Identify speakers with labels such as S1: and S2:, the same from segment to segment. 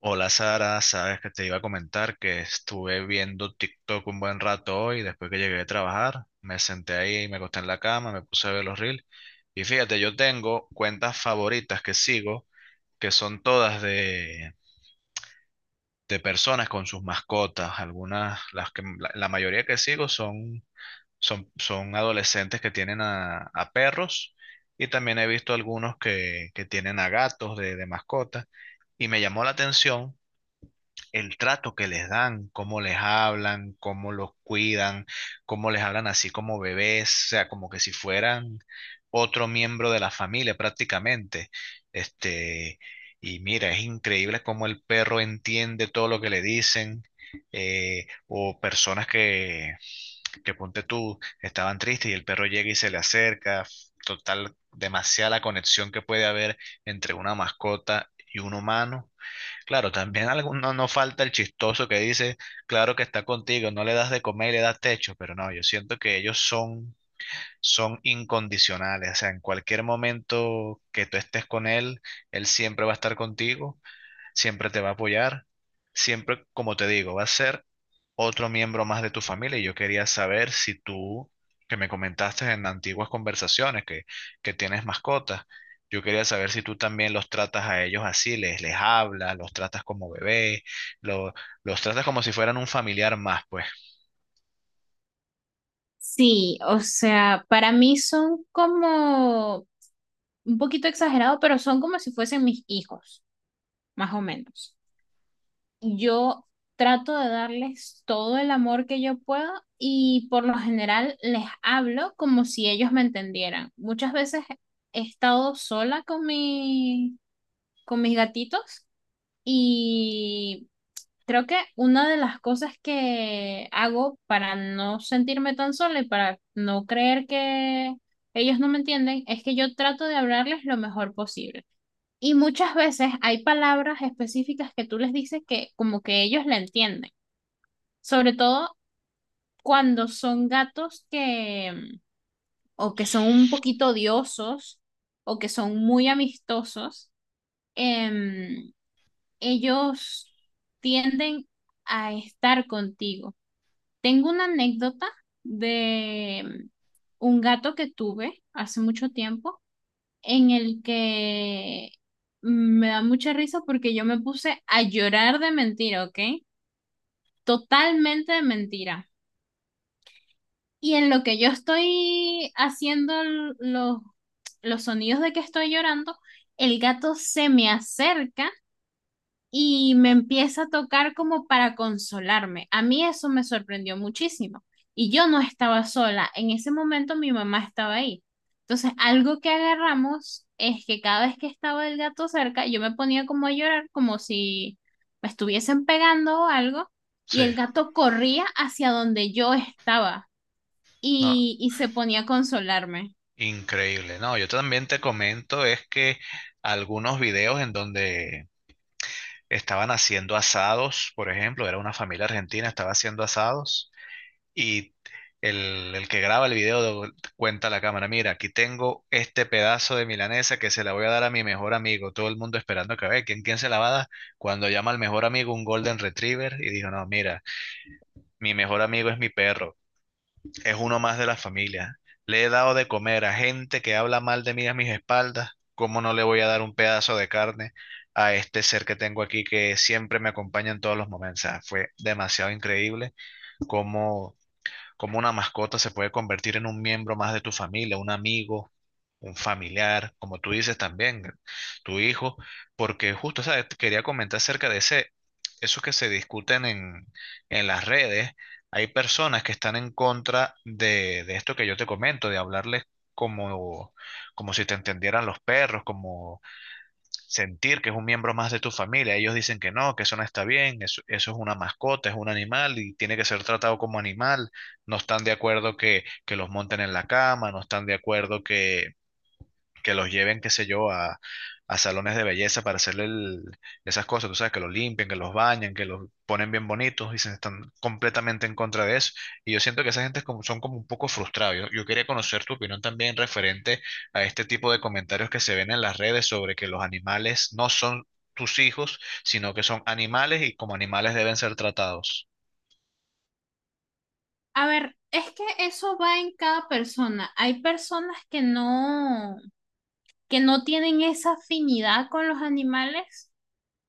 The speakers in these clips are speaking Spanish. S1: Hola Sara, sabes que te iba a comentar que estuve viendo TikTok un buen rato hoy, después que llegué de trabajar, me senté ahí, me acosté en la cama, me puse a ver los reels y fíjate, yo tengo cuentas favoritas que sigo, que son todas de personas con sus mascotas, algunas, la mayoría que sigo son adolescentes que tienen a perros y también he visto algunos que tienen a gatos de mascota y me llamó la atención el trato que les dan, cómo les hablan, cómo los cuidan, cómo les hablan así como bebés, o sea, como que si fueran otro miembro de la familia prácticamente. Este, y mira, es increíble cómo el perro entiende todo lo que le dicen. O personas que ponte tú, estaban tristes y el perro llega y se le acerca. Total, demasiada la conexión que puede haber entre una mascota y un humano. Claro, también alguno no falta el chistoso que dice, claro que está contigo, no le das de comer y le das techo, pero no, yo siento que ellos son, son incondicionales, o sea, en cualquier momento que tú estés con él, él siempre va a estar contigo, siempre te va a apoyar, siempre, como te digo, va a ser otro miembro más de tu familia. Y yo quería saber si tú, que me comentaste en antiguas conversaciones que tienes mascotas, yo quería saber si tú también los tratas a ellos así, les hablas, los tratas como bebé, lo- los tratas como si fueran un familiar más, pues.
S2: Sí, o sea, para mí son como un poquito exagerado, pero son como si fuesen mis hijos, más o menos. Yo trato de darles todo el amor que yo puedo y por lo general les hablo como si ellos me entendieran. Muchas veces he estado sola con mis gatitos y creo que una de las cosas que hago para no sentirme tan sola y para no creer que ellos no me entienden es que yo trato de hablarles lo mejor posible. Y muchas veces hay palabras específicas que tú les dices que como que ellos la entienden. Sobre todo cuando son gatos o que son un poquito odiosos o que son muy amistosos, em, ellos tienden a estar contigo. Tengo una anécdota de un gato que tuve hace mucho tiempo en el que me da mucha risa porque yo me puse a llorar de mentira, ¿ok? Totalmente de mentira. Y en lo que yo estoy haciendo los sonidos de que estoy llorando, el gato se me acerca y me empieza a tocar como para consolarme. A mí eso me sorprendió muchísimo. Y yo no estaba sola. En ese momento mi mamá estaba ahí. Entonces, algo que agarramos es que cada vez que estaba el gato cerca, yo me ponía como a llorar, como si me estuviesen pegando o algo, y
S1: Sí.
S2: el gato corría hacia donde yo estaba
S1: No,
S2: y se ponía a consolarme.
S1: increíble. No, yo también te comento es que algunos videos en donde estaban haciendo asados, por ejemplo, era una familia argentina, estaba haciendo asados y el que graba el video cuenta a la cámara, mira, aquí tengo este pedazo de milanesa que se la voy a dar a mi mejor amigo, todo el mundo esperando que vea, quién se la va a dar? Cuando llama al mejor amigo un Golden Retriever y dijo, no, mira, mi mejor amigo es mi perro, es uno más de la familia. Le he dado de comer a gente que habla mal de mí a mis espaldas. ¿Cómo no le voy a dar un pedazo de carne a este ser que tengo aquí que siempre me acompaña en todos los momentos? O sea, fue demasiado increíble cómo una mascota se puede convertir en un miembro más de tu familia, un amigo, un familiar, como tú dices también, tu hijo, porque justo, ¿sabes? Quería comentar acerca de esos que se discuten en las redes. Hay personas que están en contra de esto que yo te comento, de hablarles como, como si te entendieran los perros, como sentir que es un miembro más de tu familia. Ellos dicen que no, que eso no está bien, eso es una mascota, es un animal y tiene que ser tratado como animal. No están de acuerdo que los monten en la cama, no están de acuerdo que los lleven, qué sé yo, a salones de belleza para hacerle esas cosas, tú sabes, que los limpian, que los bañan, que los ponen bien bonitos y se están completamente en contra de eso. Y yo siento que esa gente es como, son como un poco frustrados. Yo quería conocer tu opinión también referente a este tipo de comentarios que se ven en las redes sobre que los animales no son tus hijos, sino que son animales y como animales deben ser tratados.
S2: A ver, es que eso va en cada persona. Hay personas que no tienen esa afinidad con los animales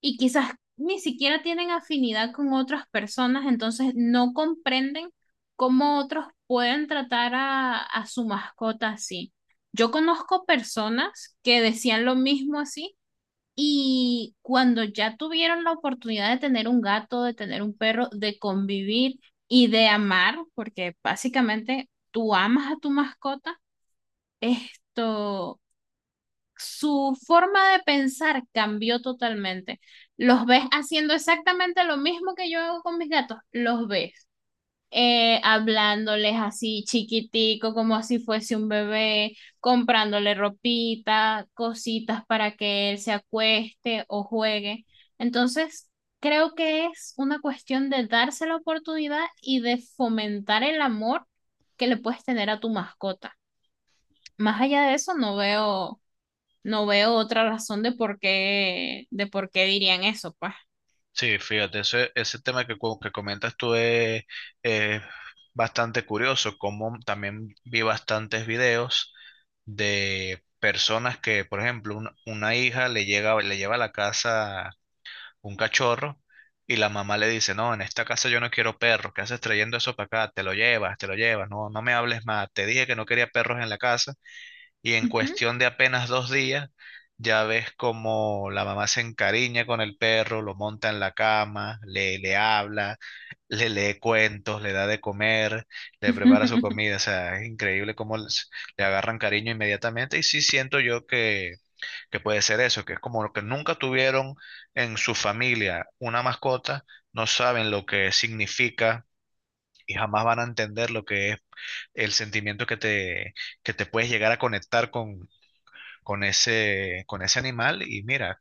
S2: y quizás ni siquiera tienen afinidad con otras personas, entonces no comprenden cómo otros pueden tratar a su mascota así. Yo conozco personas que decían lo mismo así y cuando ya tuvieron la oportunidad de tener un gato, de tener un perro, de convivir y de amar, porque básicamente tú amas a tu mascota, esto su forma de pensar cambió totalmente. Los ves haciendo exactamente lo mismo que yo hago con mis gatos, los ves. Hablándoles así chiquitico, como si fuese un bebé, comprándole ropita, cositas para que él se acueste o juegue. Entonces, creo que es una cuestión de darse la oportunidad y de fomentar el amor que le puedes tener a tu mascota. Más allá de eso, no veo otra razón de por qué dirían eso, pues.
S1: Sí, fíjate, ese tema que comentas tú es bastante curioso, como también vi bastantes videos de personas que, por ejemplo, una hija le llega, le lleva a la casa un cachorro y la mamá le dice, no, en esta casa yo no quiero perros, ¿qué haces trayendo eso para acá? Te lo llevas, no me hables más, te dije que no quería perros en la casa y en
S2: Ujú.
S1: cuestión de apenas dos días ya ves como la mamá se encariña con el perro, lo monta en la cama, le habla, le lee cuentos, le da de comer, le prepara su comida. O sea, es increíble cómo le agarran cariño inmediatamente. Y sí siento yo que puede ser eso, que es como lo que nunca tuvieron en su familia una mascota, no saben lo que significa. Y jamás van a entender lo que es el sentimiento que te puedes llegar a conectar con ese animal y mira,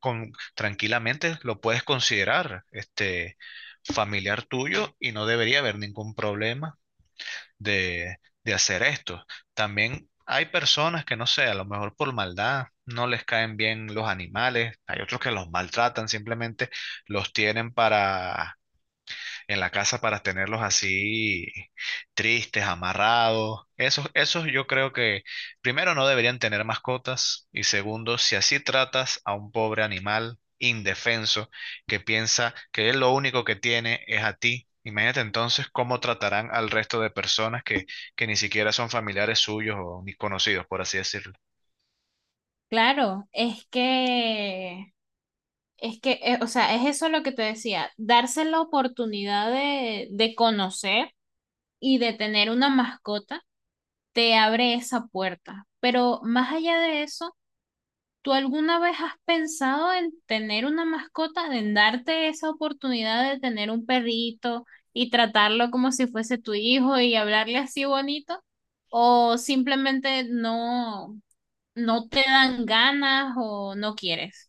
S1: con, tranquilamente lo puedes considerar este familiar tuyo y no debería haber ningún problema de, de hacer esto. También hay personas que no sé, a lo mejor por maldad no les caen bien los animales, hay otros que los maltratan, simplemente los tienen para en la casa para tenerlos así tristes, amarrados. Esos yo creo que primero no deberían tener mascotas y segundo, si así tratas a un pobre animal indefenso que piensa que él lo único que tiene es a ti. Imagínate entonces cómo tratarán al resto de personas que ni siquiera son familiares suyos o ni conocidos, por así decirlo.
S2: Claro, o sea, es eso lo que te decía, darse la oportunidad de conocer y de tener una mascota te abre esa puerta. Pero más allá de eso, ¿tú alguna vez has pensado en tener una mascota, en darte esa oportunidad de tener un perrito y tratarlo como si fuese tu hijo y hablarle así bonito? ¿O simplemente no, no te dan ganas o no quieres?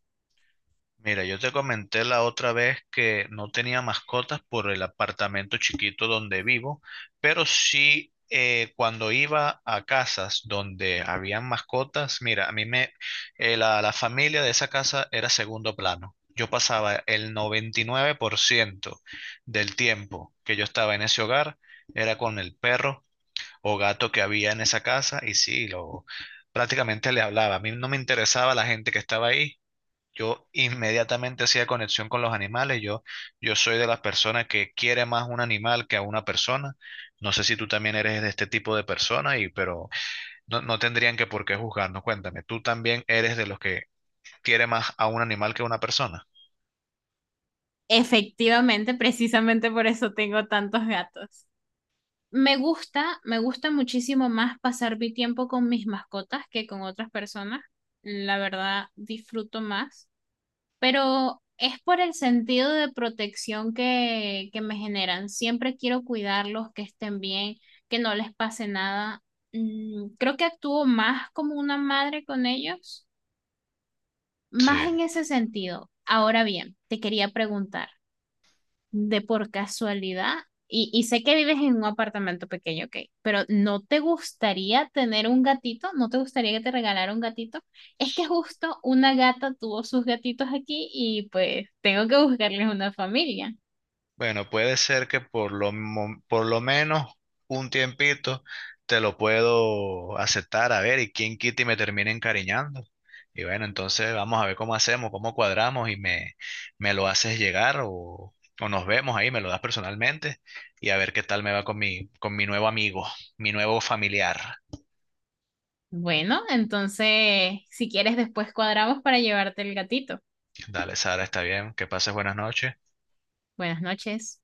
S1: Mira, yo te comenté la otra vez que no tenía mascotas por el apartamento chiquito donde vivo, pero sí cuando iba a casas donde habían mascotas, mira, a mí me, la, la familia de esa casa era segundo plano. Yo pasaba el 99% del tiempo que yo estaba en ese hogar, era con el perro o gato que había en esa casa y sí, prácticamente le hablaba. A mí no me interesaba la gente que estaba ahí, yo inmediatamente hacía conexión con los animales. Yo soy de las personas que quiere más un animal que a una persona. No sé si tú también eres de este tipo de persona, y, pero no tendrían que por qué juzgarnos. Cuéntame, ¿tú también eres de los que quiere más a un animal que a una persona?
S2: Efectivamente, precisamente por eso tengo tantos gatos. Me gusta muchísimo más pasar mi tiempo con mis mascotas que con otras personas. La verdad, disfruto más, pero es por el sentido de protección que me generan. Siempre quiero cuidarlos, que estén bien, que no les pase nada. Creo que actúo más como una madre con ellos,
S1: Sí.
S2: más en ese sentido. Ahora bien, te quería preguntar, de por casualidad, y sé que vives en un apartamento pequeño, ok, pero ¿no te gustaría tener un gatito? ¿No te gustaría que te regalara un gatito? Es que justo una gata tuvo sus gatitos aquí y pues tengo que buscarles una familia.
S1: Bueno, puede ser que por lo menos un tiempito te lo puedo aceptar, a ver, y quién quita y me termine encariñando. Y bueno, entonces vamos a ver cómo hacemos, cómo cuadramos y me lo haces llegar o nos vemos ahí, me lo das personalmente y a ver qué tal me va con con mi nuevo amigo, mi nuevo familiar.
S2: Bueno, entonces, si quieres, después cuadramos para llevarte el gatito.
S1: Dale, Sara, está bien, que pases buenas noches.
S2: Buenas noches.